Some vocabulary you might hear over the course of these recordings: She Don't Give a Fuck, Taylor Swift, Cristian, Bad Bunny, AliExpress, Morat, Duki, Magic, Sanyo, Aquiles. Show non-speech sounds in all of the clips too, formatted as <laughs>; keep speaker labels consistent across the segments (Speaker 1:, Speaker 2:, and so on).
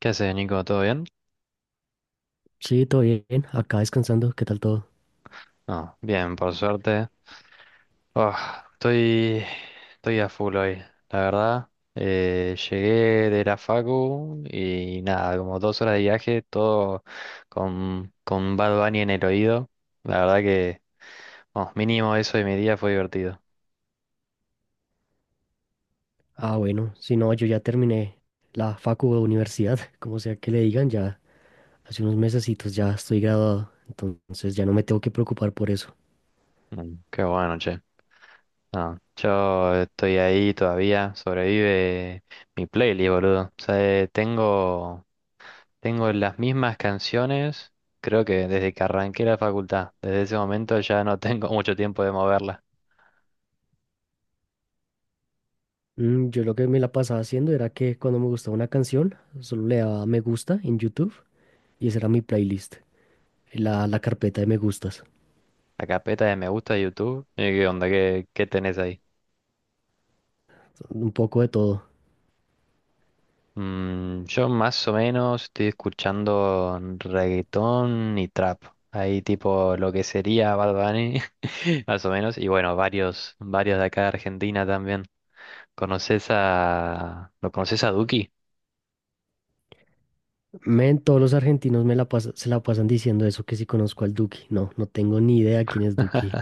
Speaker 1: ¿Qué haces, Nico? ¿Todo bien?
Speaker 2: Sí, todo bien. Acá descansando. ¿Qué tal todo?
Speaker 1: No, bien, por suerte. Ah, estoy, estoy a full hoy, la verdad. Llegué de la facu y nada, como dos horas de viaje, todo con Bad Bunny en el oído. La verdad que, vamos, mínimo eso de mi día fue divertido.
Speaker 2: Ah, bueno. Si no, yo ya terminé la facu o universidad, <laughs> como sea que le digan, ya hace unos mesecitos ya estoy graduado. Entonces ya no me tengo que preocupar por eso.
Speaker 1: Mm, qué bueno, che. No, yo estoy ahí todavía, sobrevive mi playlist, boludo. O sea, Tengo las mismas canciones, creo que desde que arranqué la facultad. Desde ese momento ya no tengo <laughs> mucho tiempo de moverla.
Speaker 2: Yo lo que me la pasaba haciendo era que cuando me gustaba una canción, solo le daba me gusta en YouTube y esa era mi playlist, la carpeta de me gustas.
Speaker 1: La carpeta de me gusta de YouTube. ¿Qué onda? ¿Qué tenés ahí?
Speaker 2: Un poco de todo.
Speaker 1: Mm, yo más o menos estoy escuchando reggaetón y trap. Ahí tipo lo que sería Bad Bunny, <laughs> más o menos. Y bueno, varios de acá de Argentina también. ¿Lo conoces a Duki?
Speaker 2: Men, todos los argentinos me la se la pasan diciendo eso, que si conozco al Duki. No, no tengo ni idea quién es Duki.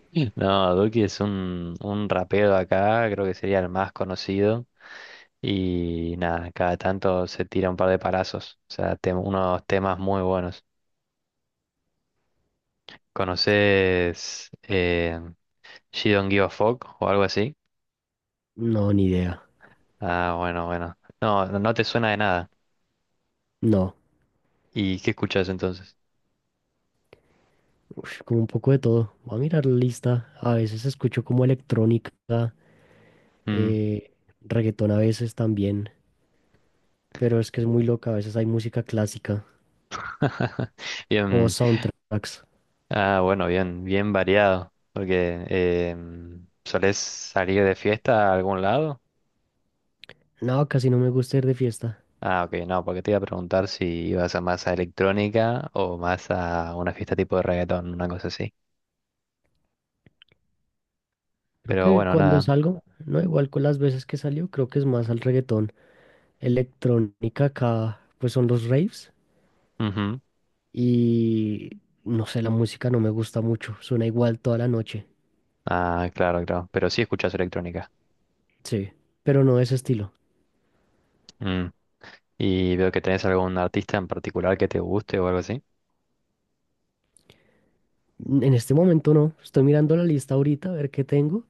Speaker 1: <laughs> No, Duki es un rapero acá, creo que sería el más conocido. Y nada, cada tanto se tira un par de palazos. O sea, unos temas muy buenos. ¿Conoces She Don't Give a Fuck o algo así?
Speaker 2: No, ni idea.
Speaker 1: Ah, bueno, bueno. No, no no te suena de nada.
Speaker 2: No.
Speaker 1: ¿Y qué escuchas entonces?
Speaker 2: Uf, como un poco de todo. Voy a mirar la lista. A veces escucho como electrónica,
Speaker 1: Mm.
Speaker 2: eh, reggaetón a veces también, pero es que es muy loca. A veces hay música clásica
Speaker 1: <laughs>
Speaker 2: o
Speaker 1: Bien,
Speaker 2: soundtracks.
Speaker 1: ah, bueno, bien, bien variado. Porque ¿solés salir de fiesta a algún lado?
Speaker 2: No, casi no me gusta ir de fiesta.
Speaker 1: Ah, ok, no, porque te iba a preguntar si ibas a más a electrónica o más a una fiesta tipo de reggaetón, una cosa así.
Speaker 2: Creo
Speaker 1: Pero
Speaker 2: que
Speaker 1: bueno,
Speaker 2: cuando
Speaker 1: nada.
Speaker 2: salgo, no igual con las veces que salió, creo que es más al reggaetón. Electrónica acá, pues son los raves
Speaker 1: Ujú.
Speaker 2: y no sé, la música no me gusta mucho. Suena igual toda la noche.
Speaker 1: Ah, claro, claro. Pero sí escuchas electrónica.
Speaker 2: Sí, pero no de ese estilo.
Speaker 1: Mm. Y veo que tenés algún artista en particular que te guste o algo así.
Speaker 2: En este momento no, estoy mirando la lista ahorita a ver qué tengo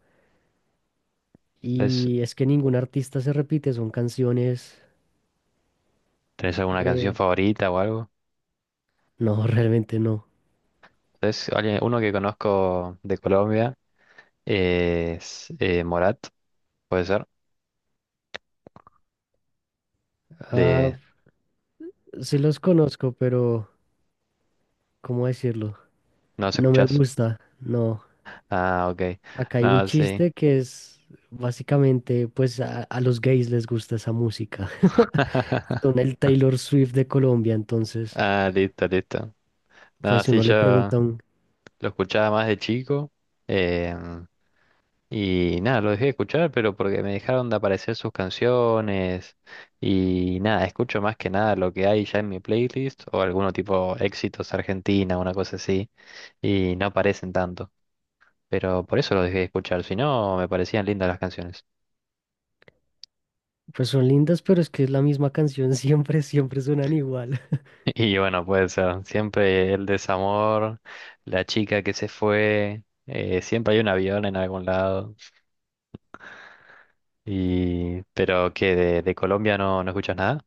Speaker 1: ¿Tenés,
Speaker 2: y es que ningún artista se repite, son canciones...
Speaker 1: tenés alguna canción
Speaker 2: eh,
Speaker 1: favorita o algo?
Speaker 2: no, <laughs> realmente no.
Speaker 1: ¿Tenés alguien, uno que conozco de Colombia es Morat, puede ser.
Speaker 2: Ah,
Speaker 1: De...
Speaker 2: sí los conozco, pero ¿cómo decirlo?
Speaker 1: ¿No los
Speaker 2: No me
Speaker 1: escuchás?
Speaker 2: gusta, no.
Speaker 1: Ah, ok.
Speaker 2: Acá hay un
Speaker 1: No, sí.
Speaker 2: chiste que es básicamente, pues a los gays les gusta esa música. <laughs> Son
Speaker 1: <laughs>
Speaker 2: el Taylor Swift de Colombia, entonces,
Speaker 1: Ah, listo, listo.
Speaker 2: pues
Speaker 1: No,
Speaker 2: si
Speaker 1: sí,
Speaker 2: uno le
Speaker 1: yo
Speaker 2: pregunta,
Speaker 1: lo escuchaba más de chico. em, Y nada, lo dejé de escuchar, pero porque me dejaron de aparecer sus canciones. Y nada, escucho más que nada lo que hay ya en mi playlist o alguno tipo éxitos Argentina, una cosa así. Y no aparecen tanto. Pero por eso lo dejé de escuchar, si no, me parecían lindas las canciones.
Speaker 2: pues son lindas, pero es que es la misma canción, <laughs> siempre, siempre suenan igual.
Speaker 1: <laughs> Y bueno, puede ser. Siempre el desamor, la chica que se fue, siempre hay un avión en algún lado. Y... Pero que de Colombia no, no escuchas nada.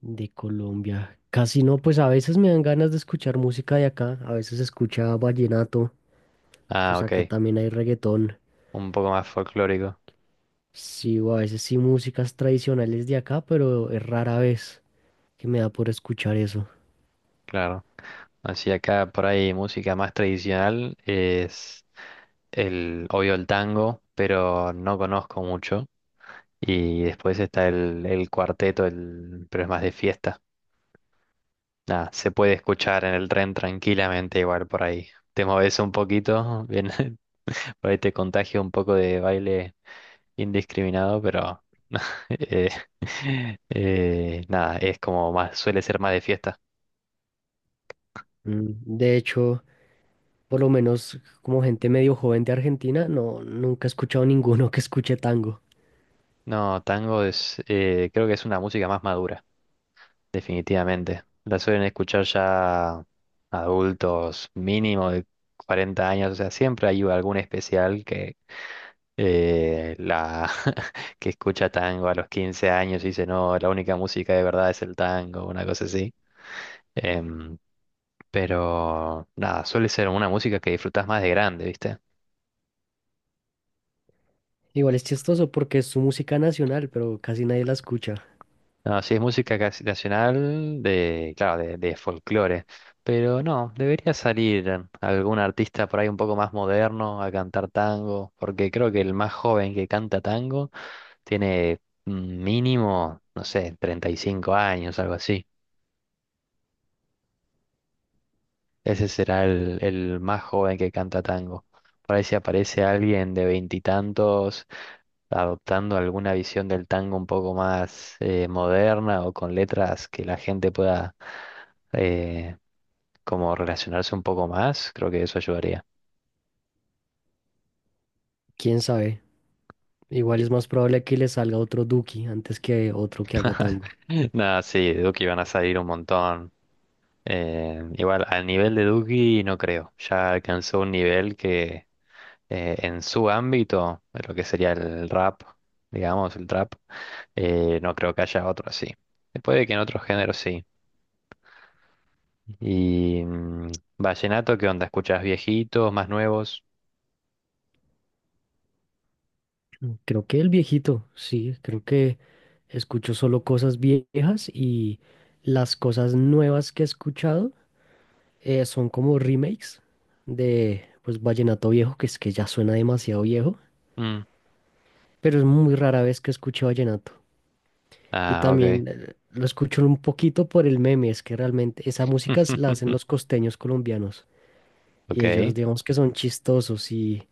Speaker 2: De Colombia. Casi no, pues a veces me dan ganas de escuchar música de acá, a veces escucha vallenato,
Speaker 1: Ah,
Speaker 2: pues acá
Speaker 1: ok.
Speaker 2: también hay reggaetón.
Speaker 1: Un poco más folclórico.
Speaker 2: Sí, o a veces sí músicas tradicionales de acá, pero es rara vez que me da por escuchar eso.
Speaker 1: Claro. Así acá por ahí música más tradicional es el, obvio el tango, pero no conozco mucho. Y después está el cuarteto, el, pero es más de fiesta. Nada, se puede escuchar en el tren tranquilamente igual por ahí. Te moves un poquito, bien, <laughs> por ahí te contagia un poco de baile indiscriminado, pero <laughs> eh, nada, es como más, suele ser más de fiesta.
Speaker 2: Mm, De hecho, por lo menos como gente medio joven de Argentina, no, nunca he escuchado <laughs> ninguno que escuche tango.
Speaker 1: No, tango es, creo que es una música más madura, definitivamente. La suelen escuchar ya adultos mínimo de 40 años, o sea, siempre hay algún especial que la <laughs> que escucha tango a los 15 años y dice, no, la única música de verdad es el tango, una cosa así. Em, pero nada, suele ser una música que disfrutás más de grande, ¿viste?
Speaker 2: Igual es chistoso porque es su música nacional, pero casi nadie la escucha.
Speaker 1: No, sí, es música casi nacional de, claro, de folclore. Pero no, debería salir algún artista por ahí un poco más moderno a cantar tango, porque creo que el más joven que canta tango tiene mm, mínimo, no sé, 35 años, algo así. Ese será el más joven que canta tango. Por ahí si aparece alguien de veintitantos adoptando alguna visión del tango un poco más moderna o con letras que la gente pueda eh, como relacionarse un poco más, creo que eso ayudaría.
Speaker 2: ¿Quién sabe? Igual es más probable que le salga otro Duki antes que otro que haga
Speaker 1: <laughs>
Speaker 2: tango.
Speaker 1: Nada, sí, de Duki van a salir un montón. Igual, al nivel de Duki no creo. Ya alcanzó un nivel que en su ámbito, lo que sería el rap, digamos, el trap, no creo que haya otro así. Puede que en otros géneros sí. Y mm, vallenato, ¿qué onda? ¿Escuchas viejitos, más nuevos?
Speaker 2: Creo que el viejito, sí, creo que escucho solo cosas viejas y las cosas nuevas que he escuchado son como remakes de pues vallenato viejo, que es que ya suena demasiado viejo,
Speaker 1: Mm,
Speaker 2: pero es muy rara vez que escucho vallenato. Y
Speaker 1: ah, ok.
Speaker 2: también lo escucho un poquito por el meme, es que realmente esa música la hacen los
Speaker 1: <laughs>
Speaker 2: costeños colombianos y ellos
Speaker 1: Ok.
Speaker 2: digamos que son chistosos y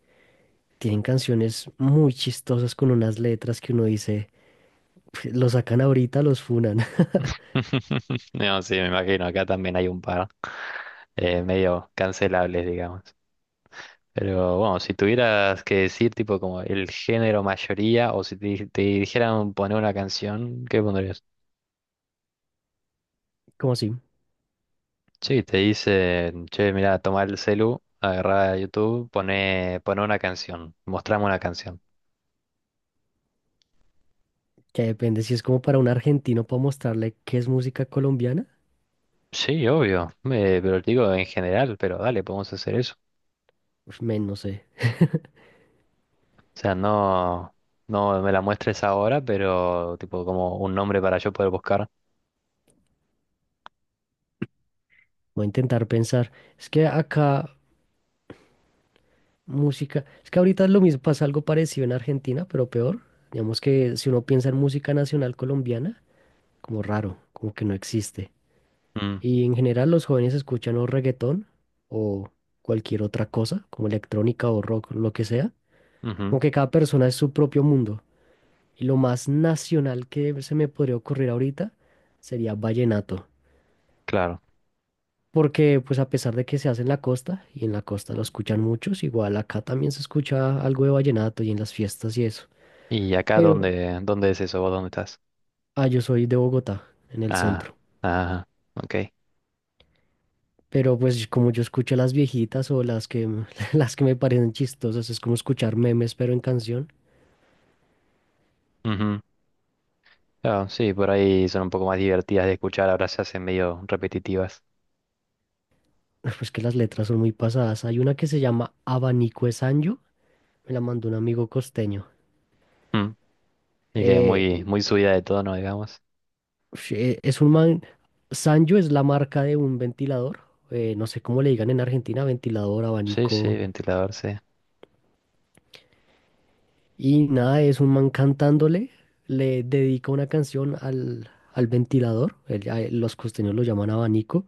Speaker 2: tienen canciones muy chistosas con unas letras que uno dice <laughs> lo sacan ahorita, los funan. <laughs>
Speaker 1: <laughs> No, sí, me imagino, acá también hay un par medio cancelables, digamos. Pero bueno, si tuvieras que decir tipo como el género mayoría o si te, te dijeran poner una canción, ¿qué pondrías?
Speaker 2: ¿Como así?
Speaker 1: Sí, te dicen, che, mirá, tomá el celu, agarrá YouTube, pone una canción, mostrame una canción.
Speaker 2: Que depende. Si es como para un argentino para mostrarle qué es música colombiana,
Speaker 1: Sí, obvio, pero te digo en general, pero dale, podemos hacer eso.
Speaker 2: uf, men, no sé.
Speaker 1: O sea, no, no me la muestres ahora, pero tipo como un nombre para yo poder buscar.
Speaker 2: Voy a intentar pensar. Es que acá música. Es que ahorita es lo mismo, pasa algo parecido en Argentina, pero peor. Digamos que si uno piensa en música nacional colombiana, como raro, como que no existe.
Speaker 1: Mm,
Speaker 2: Y en general los jóvenes escuchan o reggaetón o cualquier otra cosa, como electrónica o rock, lo que sea.
Speaker 1: ujú,
Speaker 2: Como que cada persona es su propio mundo. Y lo más nacional que se me podría ocurrir ahorita sería vallenato.
Speaker 1: claro.
Speaker 2: Porque pues a pesar de que se hace en la costa, y en la costa lo escuchan muchos, igual acá también se escucha algo de vallenato y en las fiestas y eso.
Speaker 1: ¿Y acá
Speaker 2: Pero,
Speaker 1: dónde es eso? ¿Vos dónde estás?
Speaker 2: ah, yo soy de Bogotá, en el
Speaker 1: Ah,
Speaker 2: centro.
Speaker 1: ah, ok.
Speaker 2: Pero pues como yo escucho a las viejitas o las que, <laughs> las que me parecen chistosas, es como escuchar memes pero en canción,
Speaker 1: Ujú. Claro, sí, por ahí son un poco más divertidas de escuchar, ahora se hacen medio repetitivas.
Speaker 2: <laughs> pues que las letras son muy pasadas. Hay una que se llama Abanico de Sancho, me la mandó un amigo costeño.
Speaker 1: Mm. Y que
Speaker 2: eh,
Speaker 1: muy, muy subida de tono, digamos.
Speaker 2: Ush, es un man, Sanyo es la marca de un ventilador, no sé cómo le digan en Argentina, ventilador,
Speaker 1: Sí, sí,
Speaker 2: abanico,
Speaker 1: ventilador, sí.
Speaker 2: y nada, es un man cantándole, le dedica una canción al, al ventilador, los costeños lo llaman abanico,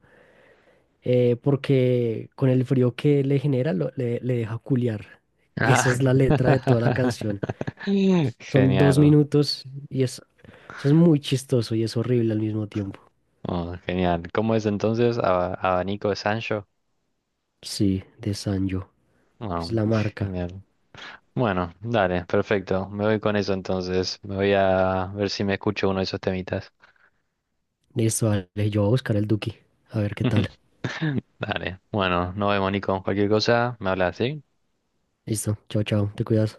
Speaker 2: porque con el frío que le genera le deja culiar. Esa
Speaker 1: Ah.
Speaker 2: es la letra de toda la
Speaker 1: <laughs>
Speaker 2: canción. Son dos
Speaker 1: Genial.
Speaker 2: minutos y es, eso es muy chistoso y es horrible al mismo tiempo.
Speaker 1: Oh, genial. ¿Cómo es entonces? Abanico de Sancho.
Speaker 2: Sí, de Sanyo, que
Speaker 1: Oh,
Speaker 2: es la marca.
Speaker 1: genial. Bueno, dale, perfecto. Me voy con eso entonces. Me voy a ver si me escucho uno de esos temitas.
Speaker 2: Listo, vale, yo voy a buscar el Duki. A ver qué tal.
Speaker 1: <laughs> Dale. Bueno, nos vemos, Nico. Cualquier cosa, me hablas, ¿sí?
Speaker 2: Listo, chao, chao, te cuidas.